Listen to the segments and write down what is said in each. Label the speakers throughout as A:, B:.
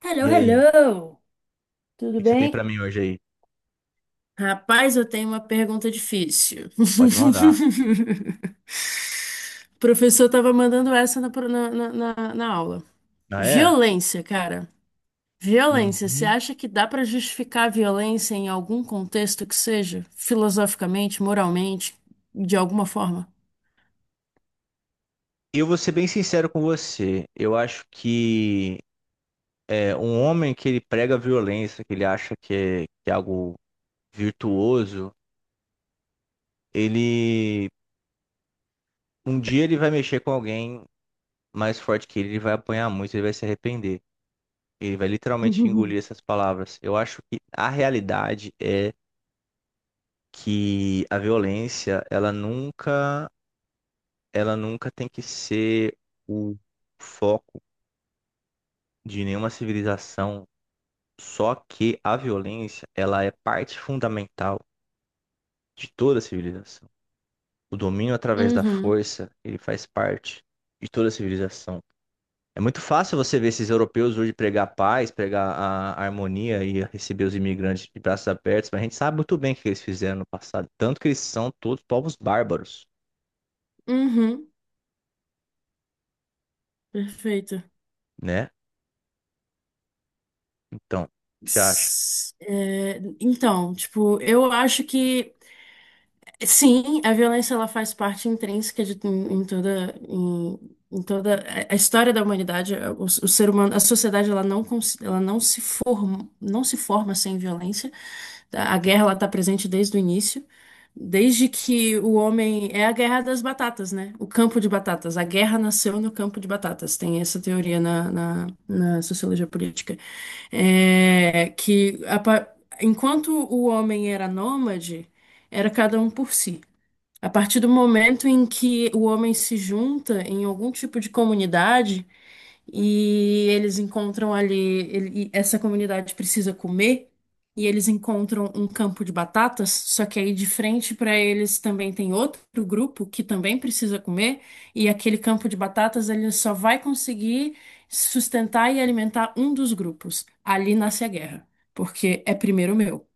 A: Hello,
B: E aí, o
A: hello! Tudo
B: que que você tem pra
A: bem?
B: mim hoje aí?
A: Rapaz, eu tenho uma pergunta difícil.
B: Pode mandar.
A: O professor estava mandando essa na, pro- na, na, na- na aula.
B: Ah, é?
A: Violência, cara. Violência. Você
B: Uhum.
A: acha que dá para justificar a violência em algum contexto que seja? Filosoficamente, moralmente, de alguma forma?
B: Eu vou ser bem sincero com você. Eu acho que um homem que ele prega violência, que ele acha que é algo virtuoso, ele um dia ele vai mexer com alguém mais forte que ele vai apanhar muito, ele vai se arrepender. Ele vai literalmente engolir essas palavras. Eu acho que a realidade é que a violência, ela nunca tem que ser o foco de nenhuma civilização. Só que a violência, ela é parte fundamental de toda a civilização. O domínio através da
A: Uhum,
B: força, ele faz parte de toda a civilização. É muito fácil você ver esses europeus hoje pregar paz, pregar a harmonia e receber os imigrantes de braços abertos, mas a gente sabe muito bem o que eles fizeram no passado. Tanto que eles são todos povos bárbaros,
A: uhum, perfeito.
B: né? Então, o que você acha?
A: Então, tipo, eu acho que. Sim, a violência ela faz parte intrínseca de toda a história da humanidade. O ser humano, a sociedade ela ela não se forma sem violência. A guerra ela está presente desde o início, desde que o homem é a guerra das batatas, né? O campo de batatas. A guerra nasceu no campo de batatas. Tem essa teoria na sociologia política, é, que a pa- enquanto o homem era nômade era cada um por si. A partir do momento em que o homem se junta em algum tipo de comunidade e eles encontram ali, e essa comunidade precisa comer, e eles encontram um campo de batatas, só que aí de frente para eles também tem outro grupo que também precisa comer, e aquele campo de batatas ele só vai conseguir sustentar e alimentar um dos grupos. Ali nasce a guerra, porque é primeiro o meu.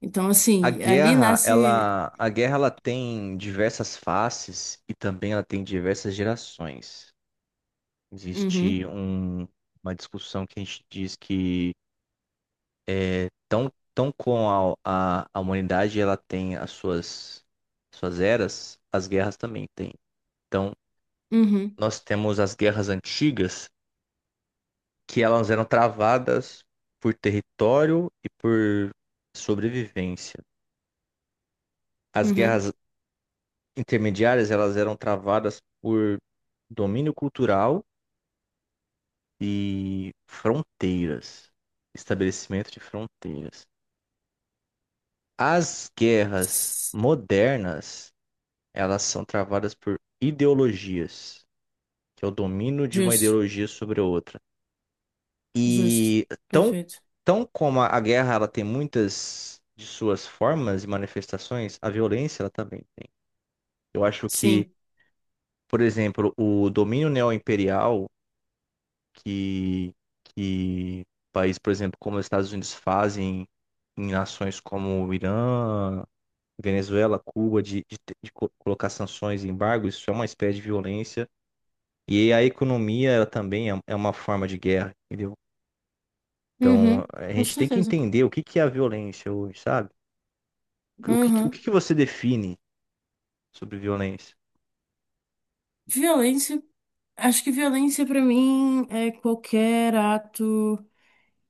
A: Então, assim, ali nasce.
B: A guerra, ela tem diversas faces e também ela tem diversas gerações.
A: Uhum,
B: Existe um- uma discussão que a gente diz que tão, tão com a, a humanidade ela tem as suas eras, as guerras também têm. Então,
A: uhum,
B: nós temos as guerras antigas, que elas eram travadas por território e por sobrevivência. As
A: uhum.
B: guerras intermediárias, elas eram travadas por domínio cultural e fronteiras, estabelecimento de fronteiras. As guerras modernas, elas são travadas por ideologias, que é o domínio de uma
A: Justo,
B: ideologia sobre a outra.
A: justo.
B: E tão,
A: Perfeito.
B: tão como a guerra ela tem muitas de suas formas e manifestações, a violência ela também tem. Eu acho que,
A: Sim.
B: por exemplo, o domínio neoimperial que, que países, por exemplo, como os Estados Unidos fazem em nações como o Irã, Venezuela, Cuba, de colocar sanções e embargos, isso é uma espécie de violência. E a economia, ela também é uma forma de guerra, entendeu?
A: Uhum,
B: Então, a
A: com
B: gente tem que
A: certeza.
B: entender o que que é a violência hoje, sabe? O
A: Uhum.
B: que que você define sobre violência?
A: Violência. Acho que violência pra mim é qualquer ato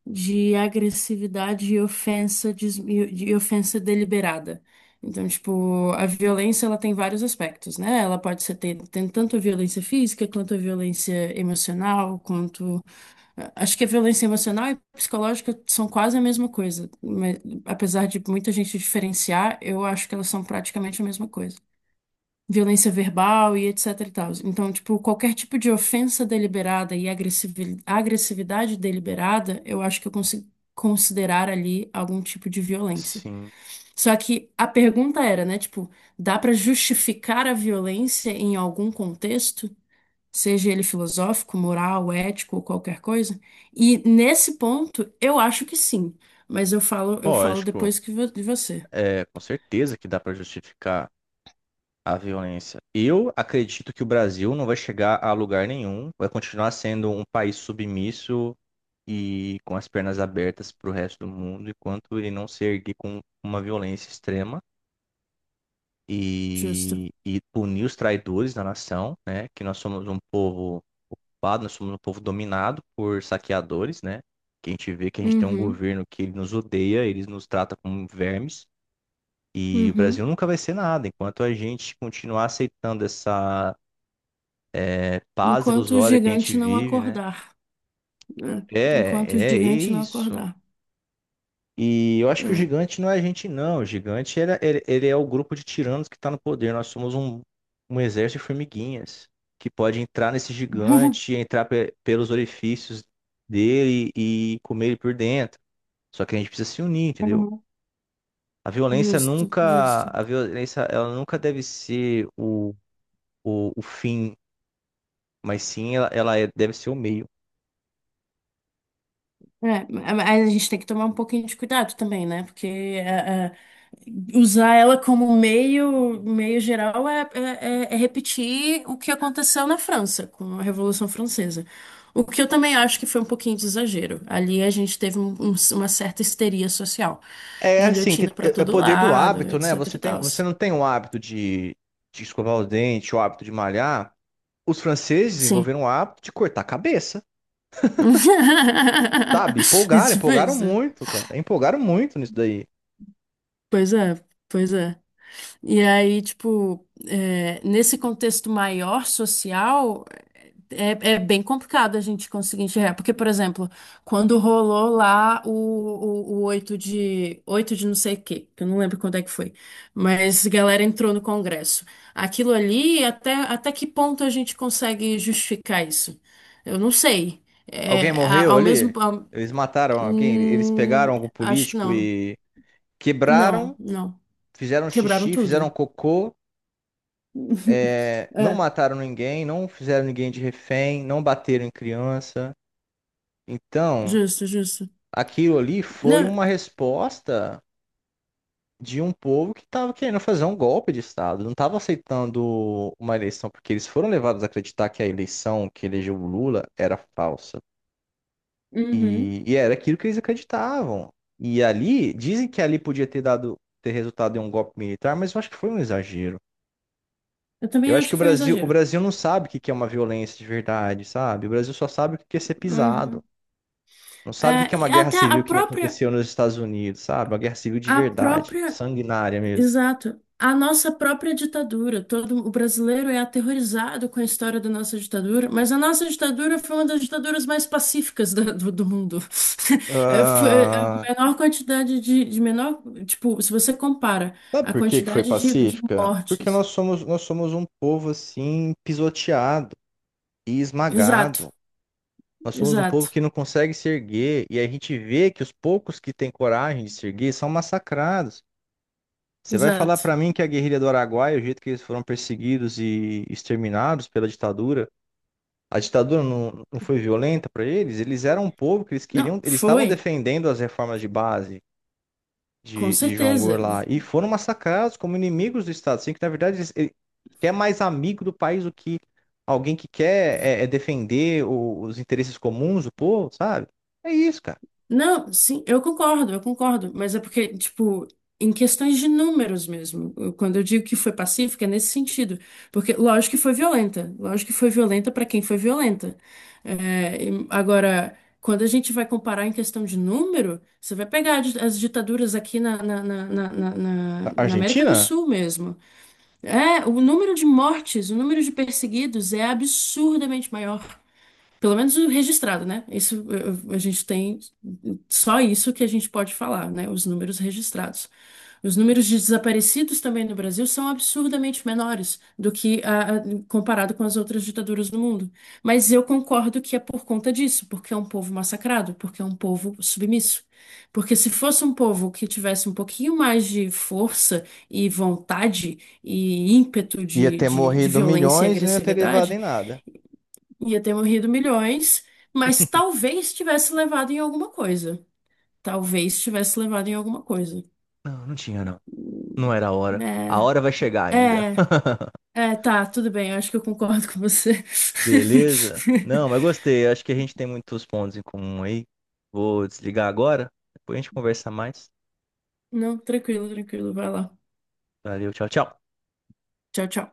A: de agressividade e ofensa, de ofensa deliberada. Então, tipo, a violência ela tem vários aspectos, né? Ela pode ser, tem tanto a violência física, quanto a violência emocional, quanto. Acho que a violência emocional e psicológica são quase a mesma coisa, mas apesar de muita gente diferenciar, eu acho que elas são praticamente a mesma coisa. Violência verbal e etc e tal. Então, tipo, qualquer tipo de ofensa deliberada e agressividade deliberada, eu acho que eu consigo considerar ali algum tipo de violência.
B: Sim,
A: Só que a pergunta era, né, tipo, dá pra justificar a violência em algum contexto, seja ele filosófico, moral, ético ou qualquer coisa? E nesse ponto, eu acho que sim, mas eu falo, eu falo
B: lógico.
A: depois que vo- de você.
B: É, com certeza que dá para justificar a violência. Eu acredito que o Brasil não vai chegar a lugar nenhum, vai continuar sendo um país submisso e com as pernas abertas para o resto do mundo, enquanto ele não se erguer com uma violência extrema
A: Justo.
B: e, punir os traidores da nação, né? Que nós somos um povo ocupado, nós somos um povo dominado por saqueadores, né? Que a gente vê que a gente tem um
A: Uhum,
B: governo que ele nos odeia, eles nos trata como vermes. E o
A: uhum.
B: Brasil nunca vai ser nada enquanto a gente continuar aceitando essa é paz
A: Enquanto o
B: ilusória que a gente
A: gigante não
B: vive, né?
A: acordar, né? Enquanto o
B: É, é
A: gigante não
B: isso.
A: acordar,
B: E eu acho que o
A: né?
B: gigante não é a gente, não. O gigante ele é o grupo de tiranos que está no poder. Nós somos um, um exército de formiguinhas que pode entrar nesse gigante, entrar pelos orifícios dele e comer ele por dentro. Só que a gente precisa se unir, entendeu?
A: Uhum. Justo, justo.
B: A violência, ela nunca deve ser o fim, mas sim ela deve ser o meio.
A: É, mas a gente tem que tomar um pouquinho de cuidado também, né? Porque usar ela como meio, meio geral é repetir o que aconteceu na França, com a Revolução Francesa. O que eu também acho que foi um pouquinho de exagero. Ali a gente teve uma certa histeria social.
B: É assim, que
A: Guilhotina pra
B: é
A: todo
B: poder do
A: lado,
B: hábito, né?
A: etc e tal.
B: Você não tem o hábito de escovar os dentes, o hábito de malhar. Os franceses
A: Sim.
B: desenvolveram o hábito de cortar a cabeça, sabe?
A: É. Tipo
B: Empolgaram
A: isso.
B: muito, cara. Empolgaram muito nisso daí.
A: Pois é, pois é. E aí, tipo, é, nesse contexto maior social, é, é bem complicado a gente conseguir enxergar. Porque, por exemplo, quando rolou lá o 8 de não sei o quê, que eu não lembro quando é que foi, mas a galera entrou no Congresso. Aquilo ali, até, até que ponto a gente consegue justificar isso? Eu não sei.
B: Alguém morreu ali? Eles mataram alguém? Eles pegaram
A: Hum,
B: algum
A: acho que
B: político
A: não.
B: e
A: Não,
B: quebraram,
A: não.
B: fizeram
A: Quebraram
B: xixi, fizeram
A: tudo.
B: cocô. É, não
A: É.
B: mataram ninguém, não fizeram ninguém de refém, não bateram em criança. Então,
A: Justo, justo.
B: aquilo ali foi
A: Não,
B: uma resposta de um povo que estava querendo fazer um golpe de Estado, não estava aceitando uma eleição, porque eles foram levados a acreditar que a eleição que elegeu o Lula era falsa.
A: uhum.
B: E, era aquilo que eles acreditavam. E ali, dizem que ali podia ter dado, ter resultado em um golpe militar, mas eu acho que foi um exagero.
A: Eu
B: Eu
A: também
B: acho
A: acho
B: que
A: que foi um
B: O
A: exagero.
B: Brasil não sabe o que que é uma violência de verdade, sabe? O Brasil só sabe o que que é ser pisado.
A: Uhum.
B: Não sabe o
A: É,
B: que que é uma
A: e
B: guerra
A: até
B: civil que nem aconteceu nos Estados Unidos, sabe? Uma guerra civil de
A: a
B: verdade,
A: própria,
B: sanguinária mesmo.
A: exato, a nossa própria ditadura. Todo o brasileiro é aterrorizado com a história da nossa ditadura, mas a nossa ditadura foi uma das ditaduras mais pacíficas do mundo. Foi a
B: Ah,
A: menor quantidade de menor, tipo, se você compara
B: sabe
A: a
B: por que que foi
A: quantidade de
B: pacífica? Porque
A: mortes.
B: nós somos um povo assim pisoteado e esmagado.
A: Exato,
B: Nós somos um povo
A: exato,
B: que não consegue se erguer e a gente vê que os poucos que têm coragem de se erguer são massacrados. Você vai falar
A: exato.
B: pra mim que a guerrilha do Araguaia, o jeito que eles foram perseguidos e exterminados pela ditadura, a ditadura não foi violenta pra eles? Eles eram um povo que eles
A: Não,
B: queriam, eles estavam
A: foi.
B: defendendo as reformas de base.
A: Com
B: De Jonglor
A: certeza.
B: lá. E foram massacrados como inimigos do Estado. Assim, que na verdade eles, ele quer mais amigo do país do que alguém que quer é defender os interesses comuns do povo, sabe? É isso, cara.
A: Não, sim, eu concordo, eu concordo. Mas é porque, tipo, em questões de números mesmo, quando eu digo que foi pacífica, é nesse sentido. Porque, lógico que foi violenta. Lógico que foi violenta para quem foi violenta. É, e agora, quando a gente vai comparar em questão de número, você vai pegar as ditaduras aqui na, na, na, na, na, na-
B: A
A: na América do
B: Argentina
A: Sul mesmo. É, o número de mortes, o número de perseguidos é absurdamente maior. Pelo menos o registrado, né? Isso a gente tem só isso que a gente pode falar, né? Os números registrados. Os números de desaparecidos também no Brasil são absurdamente menores do que comparado com as outras ditaduras do mundo. Mas eu concordo que é por conta disso, porque é um povo massacrado, porque é um povo submisso. Porque se fosse um povo que tivesse um pouquinho mais de força e vontade e ímpeto
B: ia
A: de,
B: ter
A: de de
B: morrido
A: violência e
B: milhões e não ia ter levado
A: agressividade,
B: em nada.
A: ia ter morrido milhões, mas talvez tivesse levado em alguma coisa. Talvez tivesse levado em alguma coisa.
B: Não, não tinha, não. Não era a hora. A
A: É,
B: hora vai chegar ainda.
A: é, tá, tudo bem, eu acho que eu concordo com você.
B: Beleza? Não, mas gostei. Acho que a gente tem muitos pontos em comum aí. Vou desligar agora. Depois a gente conversa mais.
A: Não, tranquilo, tranquilo, vai lá.
B: Valeu, tchau, tchau.
A: Tchau, tchau.